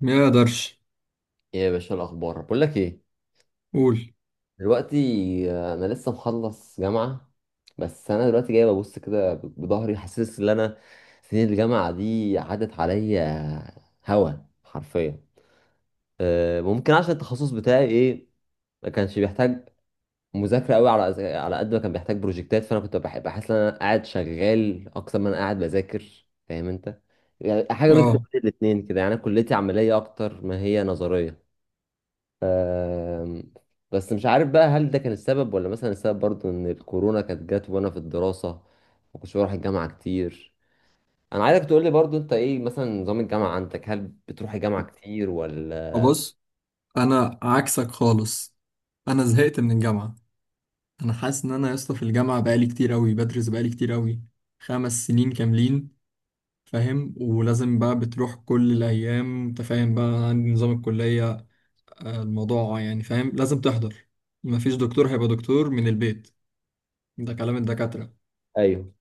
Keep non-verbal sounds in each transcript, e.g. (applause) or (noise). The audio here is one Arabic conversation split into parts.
ما يقدرش. إيه يا باشا الأخبار بقول لك إيه قول. دلوقتي. أنا لسه مخلص جامعة. بس أنا دلوقتي جاي ببص كده بظهري حاسس إن أنا سنين الجامعة دي عدت عليا هوا حرفيا. ممكن عشان التخصص بتاعي إيه ما كانش بيحتاج مذاكرة قوي على قد ما كان بيحتاج بروجكتات، فأنا كنت بحس إن أنا قاعد شغال أكتر ما أنا قاعد بذاكر، فاهم أنت؟ يعني حاجة ميكس بين اه، الاتنين كده، يعني أنا كليتي عملية أكتر ما هي نظرية. آم، بس مش عارف بقى هل ده كان السبب، ولا مثلا السبب برضو ان الكورونا كانت جت وانا في الدراسة، ما كنتش بروح الجامعة كتير. انا عايزك تقول لي برضو انت ايه مثلا نظام الجامعة عندك، هل بتروح الجامعة كتير ولا؟ ابص، انا عكسك خالص. انا زهقت من الجامعه. انا حاسس ان انا يا اسطى في الجامعه بقالي كتير قوي بدرس بقالي كتير قوي. 5 سنين كاملين، فاهم؟ ولازم بقى بتروح كل الايام، انت فاهم بقى عندي نظام الكليه. الموضوع يعني فاهم لازم تحضر. مفيش دكتور هيبقى دكتور من البيت، ده كلام الدكاتره. ايوه.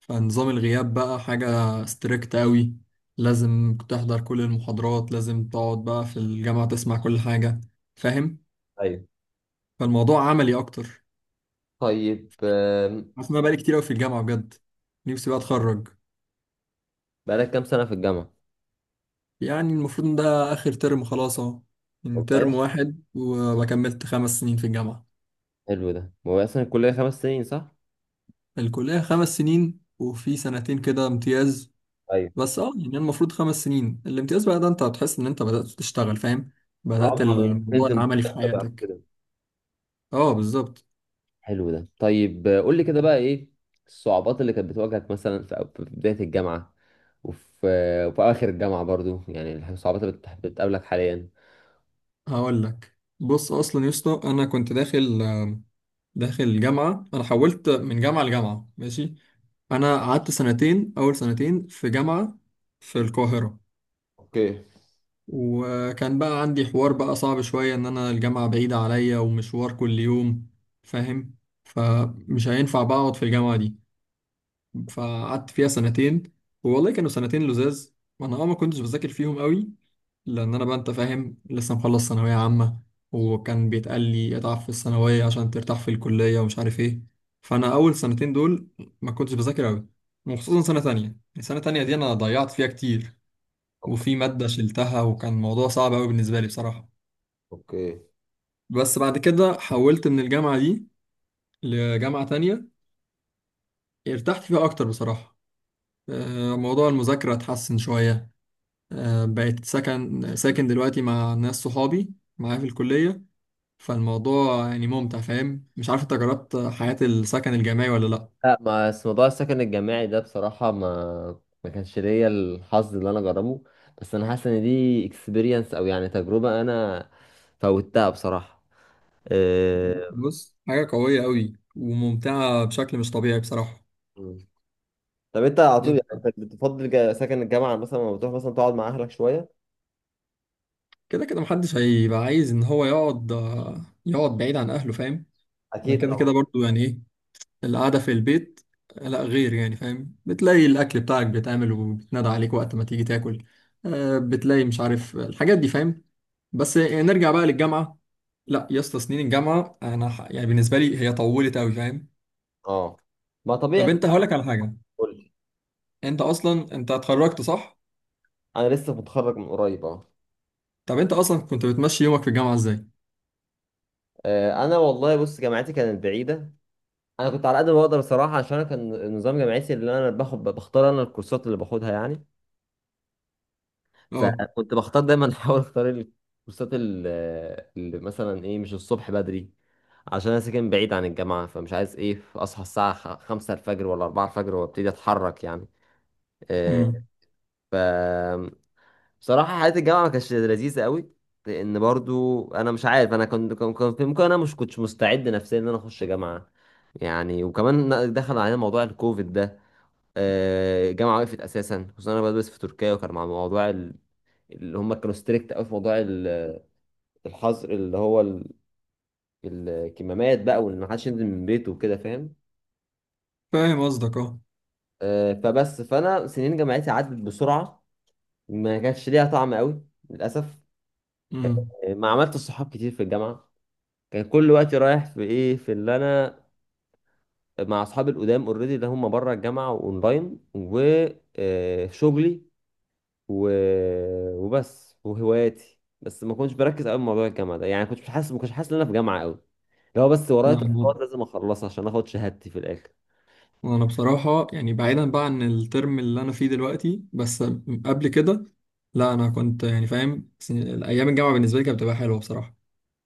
فنظام الغياب بقى حاجة ستريكت قوي، لازم تحضر كل المحاضرات، لازم تقعد بقى في الجامعة تسمع كل حاجة، فاهم؟ ايوه. فالموضوع عملي أكتر. طيب. عارف إن أنا بقالي كتير أوي في الجامعة بجد، نفسي بقى أتخرج. بقالك كام سنة في الجامعة؟ يعني المفروض إن ده آخر ترم، خلاص أهو، يعني ترم والله. واحد وأبقى كملت 5 سنين في الجامعة. حلو ده، هو اصلا الكلية 5 سنين صح؟ الكلية 5 سنين وفي سنتين كده امتياز. ايوه. بس اه يعني المفروض 5 سنين الامتياز بقى ده انت هتحس ان انت بدأت تشتغل، فاهم؟ بدأت عمرك الموضوع تنزل العملي في بقى حياتك. كده. اه، بالظبط. حلو ده. طيب، قول لي كده بقى ايه الصعوبات اللي كانت بتواجهك مثلا في بداية الجامعة، وفي وفي اواخر الجامعه برضو، يعني الصعوبات اللي بتقابلك حاليا؟ هقول لك، بص اصلا يا اسطى انا كنت داخل جامعه، انا حولت من جامعه لجامعه، ماشي. انا قعدت سنتين، اول سنتين في جامعه في القاهره. اوكي. وكان بقى عندي حوار بقى صعب شويه ان انا الجامعه بعيده عليا ومشوار كل يوم، فاهم؟ فمش هينفع بقى اقعد في الجامعه دي، فقعدت فيها سنتين. والله كانوا سنتين لزاز، وانا ما كنتش بذاكر فيهم قوي، لان انا بقى انت فاهم لسه مخلص ثانويه عامه، وكان بيتقال لي اتعب في الثانويه عشان ترتاح في الكليه ومش عارف ايه. فانا اول سنتين دول ما كنتش بذاكر قوي، وخصوصا سنه تانية السنه التانية دي انا ضيعت فيها كتير. اوكي. وفي ماده شلتها، وكان الموضوع صعب قوي بالنسبه لي بصراحه. اوكي. بس بعد كده حولت من الجامعه دي لجامعه تانية، ارتحت فيها اكتر بصراحه. موضوع المذاكره اتحسن شويه. بقيت ساكن دلوقتي مع ناس صحابي معايا في الكلية. فالموضوع يعني ممتع، فاهم؟ مش عارف انت جربت حياة السكن الجامعي ولا لأ؟ لا، ما بس موضوع السكن الجامعي ده بصراحة ما كانش ليا الحظ اللي انا اجربه، بس انا حاسس ان دي اكسبيرينس او يعني تجربة انا فوتها بصراحة. إيه... بص حاجة قوية قوي وممتعة بشكل مش طبيعي بصراحة. مم. طب انت على طول يعني يعني انت بتفضل سكن الجامعة مثلا لما بتروح مثلا تقعد مع اهلك شوية؟ كده كده محدش هيبقى عايز ان هو يقعد بعيد عن اهله، فاهم؟ انا اكيد كده كده طبعا. برضو يعني ايه القعدة في البيت. لا غير يعني فاهم بتلاقي الاكل بتاعك بيتعمل وبيتنادى عليك وقت ما تيجي تاكل. بتلاقي مش عارف الحاجات دي، فاهم؟ بس نرجع بقى للجامعه. لا يا اسطى سنين الجامعه يعني بالنسبه لي هي طولت قوي، فاهم؟ اه. ما طب طبيعي انت طبعاً. هقول لك على حاجه، قول لي. انت اصلا انت اتخرجت، صح؟ انا لسه متخرج من قريب اه. طب انت اصلا كنت بتمشي يومك في الجامعه ازاي؟ انا والله بص جامعتي كانت بعيدة. انا كنت على قد ما بقدر الصراحه، عشان أنا كان النظام جامعتي اللي انا باخد بختار انا الكورسات اللي باخدها يعني. اه. فكنت بختار دايما (laughs) احاول اختار اللي مثلا ايه مش الصبح بدري، عشان انا ساكن بعيد عن الجامعه فمش عايز ايه اصحى الساعه 5 الفجر ولا 4 الفجر وابتدي اتحرك يعني. إيه، امم. ف بصراحه حياه الجامعه ما كانتش لذيذه قوي، لان برضو انا مش عارف انا كنت كان كان في ممكن انا مش كنتش مستعد نفسيا ان انا اخش جامعه يعني. وكمان دخل علينا موضوع الكوفيد ده. الجامعه وقفت اساسا، خصوصا انا بدرس في تركيا، وكان مع موضوع اللي هم كانوا ستريكت قوي في موضوع الحظر اللي هو الكمامات بقى، وان محدش ينزل من بيته وكده، فاهم؟ فاهم قصدك. اه. فبس فانا سنين جامعتي عدت بسرعه، ما كانش ليها طعم قوي، للاسف. امم. ما عملت صحاب كتير في الجامعه، كان كل وقتي رايح في ايه في اللي انا مع اصحابي القدام اوريدي اللي هم بره الجامعه واونلاين وشغلي و... وبس وهواياتي، بس ما كنتش بركز قوي في موضوع الجامعه ده، يعني كنت مش حاسس ما كنتش حاسس ان انا في جامعه قوي، لو بس ورايا لا، انا تاسكات لازم اخلصها عشان اخد شهادتي في الاخر. أنا بصراحه يعني بعيدا بقى عن الترم اللي انا فيه دلوقتي، بس قبل كده، لا انا كنت يعني فاهم ايام الجامعه بالنسبه لي كانت بتبقى حلوه بصراحه.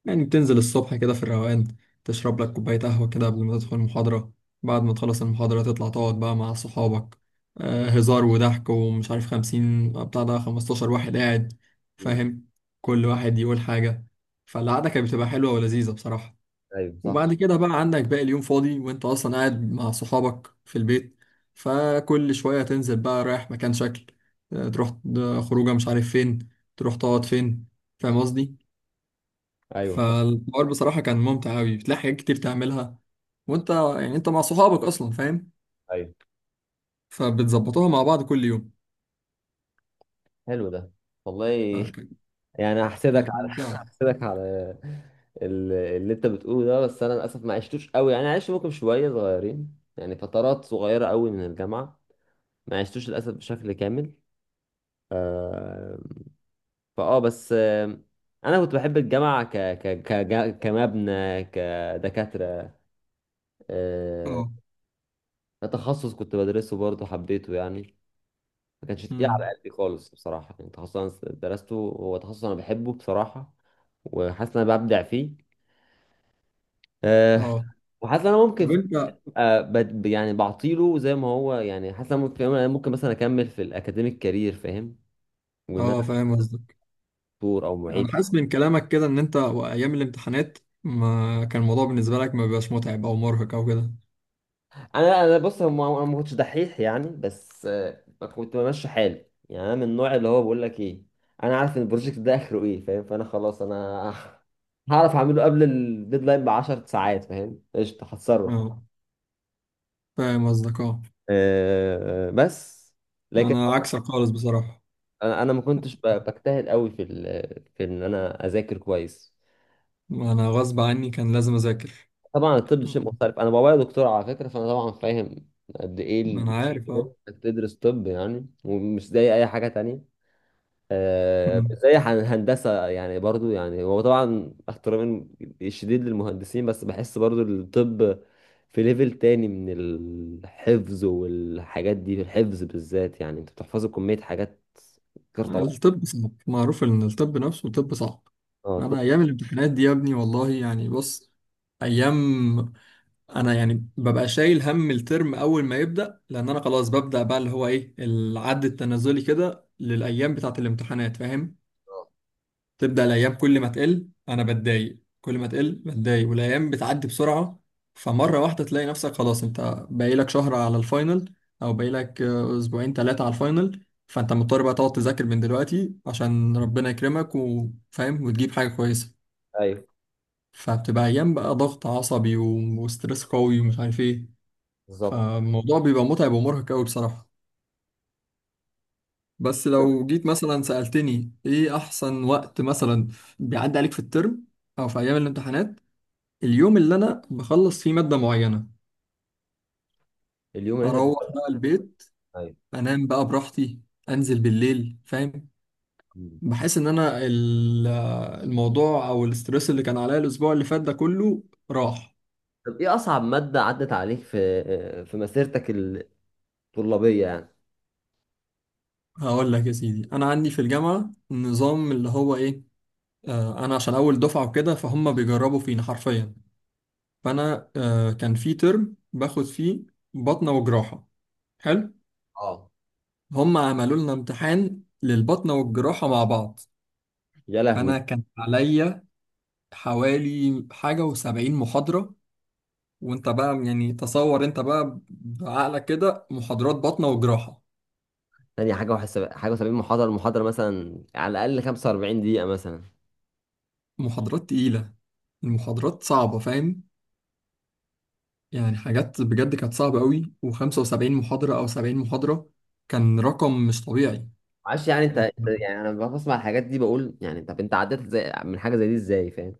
يعني بتنزل الصبح كده في الروقان، تشرب لك كوباية قهوة كده قبل ما تدخل المحاضرة، بعد ما تخلص المحاضرة تطلع تقعد بقى مع صحابك. هزار وضحك ومش عارف 50 بتاع ده 15 واحد قاعد، مم. فاهم؟ كل واحد يقول حاجة، فالقعدة كانت بتبقى حلوة ولذيذة بصراحة. ايوه صح. وبعد كده بقى عندك باقي اليوم فاضي وانت اصلا قاعد مع صحابك في البيت، فكل شوية تنزل بقى رايح مكان شكل. تروح خروجة مش عارف فين، تروح تقعد فين، فاهم قصدي؟ ايوه صح. فالحوار بصراحة كان ممتع أوي، بتلاقي حاجات كتير تعملها، وأنت يعني أنت مع صحابك أصلا، فاهم؟ ايوه. فبتظبطوها مع بعض كل يوم، حلو ده. والله. فكانت (laughs) يعني هحسدك كانت على ممتعة. هحسدك على اللي انت بتقوله ده، بس انا للاسف ما عشتوش قوي، يعني عشت ممكن شويه صغيرين، يعني فترات صغيره قوي من الجامعه ما عشتوش للاسف بشكل كامل. آه، فاه بس انا كنت بحب الجامعه ك ك ك كمبنى، كدكاتره. آه، أه. تخصص كنت بدرسه برضه حبيته يعني، ما كانش تقيل أمم. على قلبي خالص بصراحه، يعني تخصص انا درسته هو تخصص انا بحبه بصراحه، وحاسس ان انا ببدع فيه. أه. أه. وحاسس ان انا ممكن طب في. أنت. أه يعني بعطيله زي ما هو يعني، حاسس ان انا ممكن مثلا اكمل في الاكاديميك كارير، فاهم؟ وان أه، انا فاهم قصدك. دكتور او أنا معيد. حاسس من كلامك كده إن أنت وأيام الامتحانات ما كان الموضوع بالنسبة لك ما بيبقاش متعب أو مرهق أو كده. انا بص انا ما كنتش دحيح، يعني بس كنت بمشي حالي يعني، انا من النوع اللي هو بقول لك ايه، انا عارف ان البروجكت ده اخره ايه، فاهم؟ فانا خلاص انا (laughs) هعرف اعمله قبل الديدلاين ب 10 ساعات، فاهم؟ قشطه هتصرف. أه، فاهم قصدك. أه، أه بس لكن أنا عكسك خالص بصراحة. انا، ما كنتش بجتهد قوي في ان انا اذاكر كويس. أنا غصب عني كان لازم أذاكر. طبعا الطب أمم. شيء مختلف، انا بابايا دكتور على فكره، فانا طبعا فاهم قد ايه أنا عارف. انك تدرس طب يعني، ومش زي اي حاجه تانية. أه، زي هندسة، يعني برضو يعني هو طبعا احترامي الشديد للمهندسين، بس بحس برضو الطب في ليفل تاني من الحفظ والحاجات دي، الحفظ بالذات يعني انت بتحفظ كمية حاجات غير طبعا. الطب صعب معروف ان الطب نفسه طب صعب. اه طب. انا ايام الامتحانات دي يا ابني والله يعني بص، ايام، انا يعني ببقى شايل هم الترم اول ما يبدا، لان انا خلاص ببدا بقى اللي هو ايه العد التنازلي كده للايام بتاعه الامتحانات، فاهم؟ تبدأ الأيام كل ما تقل أنا بتضايق، كل ما تقل بتضايق والأيام بتعدي بسرعة. فمرة واحدة تلاقي نفسك خلاص أنت باقيلك شهر على الفاينل أو باقيلك أسبوعين تلاتة على الفاينل، فأنت مضطر بقى تقعد تذاكر من دلوقتي عشان ربنا يكرمك وفاهم وتجيب حاجة كويسة. ايوه فبتبقى أيام بقى ضغط عصبي و- وستريس قوي ومش عارف إيه. بالظبط. فالموضوع بيبقى متعب ومرهق قوي بصراحة. بس لو جيت مثلا سألتني إيه أحسن وقت مثلا بيعدي عليك في الترم أو في أيام الامتحانات، اليوم اللي انا بخلص فيه مادة معينة، اليوم اللي انت. اروح بقى البيت، ايوه. انام بقى براحتي، انزل بالليل، فاهم؟ مم. بحس ان انا الموضوع او الاسترس اللي كان عليا الاسبوع اللي فات ده كله راح. طب ايه اصعب مادة عدت عليك في مسيرتك الطلابية يعني؟ هقول لك يا سيدي انا عندي في الجامعة نظام اللي هو ايه، انا عشان اول دفعة وكده فهم بيجربوا فينا حرفيا. فانا كان في ترم باخد فيه بطنة وجراحة. حلو. اه. هم عملوا لنا امتحان للبطنة والجراحة مع بعض. يا فانا لهوي. كان عليا حوالي 71 محاضرة. وانت بقى يعني تصور انت بقى بعقلك كده محاضرات باطنة وجراحة، تاني حاجة وحساب 71 محاضرة، المحاضرة مثلا على الأقل 45 دقيقة مثلا. محاضرات تقيلة، المحاضرات صعبة، فاهم؟ يعني حاجات بجد كانت صعبة قوي، وخمسة وسبعين محاضرة أو 70 محاضرة كان رقم مش طبيعي. معرفش يعني انت يعني انا بسمع الحاجات دي بقول يعني، طب انت عديت زي من حاجه زي دي ازاي، فاهم؟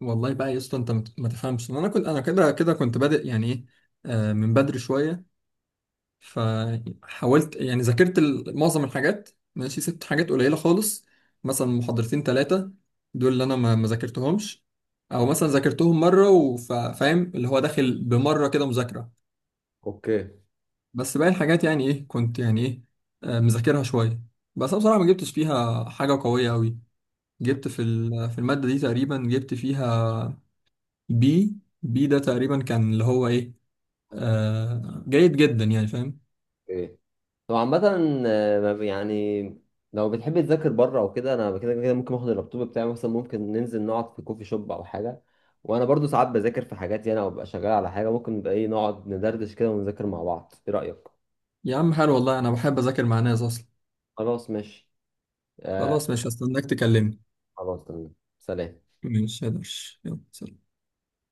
والله بقى يا اسطى ما تفهمش، انا كده كده كنت بادئ يعني ايه، من بدري شوية. فحاولت يعني ذاكرت معظم الحاجات، ماشي سبت حاجات قليلة خالص، مثلا محاضرتين ثلاثة دول اللي أنا ما ذاكرتهمش، أو مثلا ذاكرتهم مرة وفاهم اللي هو داخل بمرة كده مذاكرة. اوكي. بس باقي الحاجات يعني إيه كنت يعني إيه مذاكرها شوية. بس أنا بصراحة ما جبتش فيها حاجة قوية أوي، جبت في المادة دي تقريبا جبت فيها بي بي ده تقريبا كان اللي هو إيه جيد جدا يعني فاهم. اوكي طبعا. عامه، ما بي- يعني لو بتحب تذاكر بره او كده، انا كده كده ممكن اخد اللابتوب بتاعي مثلا، ممكن ننزل نقعد في كوفي شوب او حاجه، وانا برضو ساعات بذاكر في حاجاتي انا وببقى شغال على حاجه، ممكن نبقى ايه نقعد ندردش كده ونذاكر مع بعض، ايه رايك؟ يا عم حلو والله أنا بحب أذاكر مع ناس أصلا. خلاص ماشي. آه. خلاص مش هستناك تكلمني. خلاص تمام سلام. مش هقدرش يلا سلام.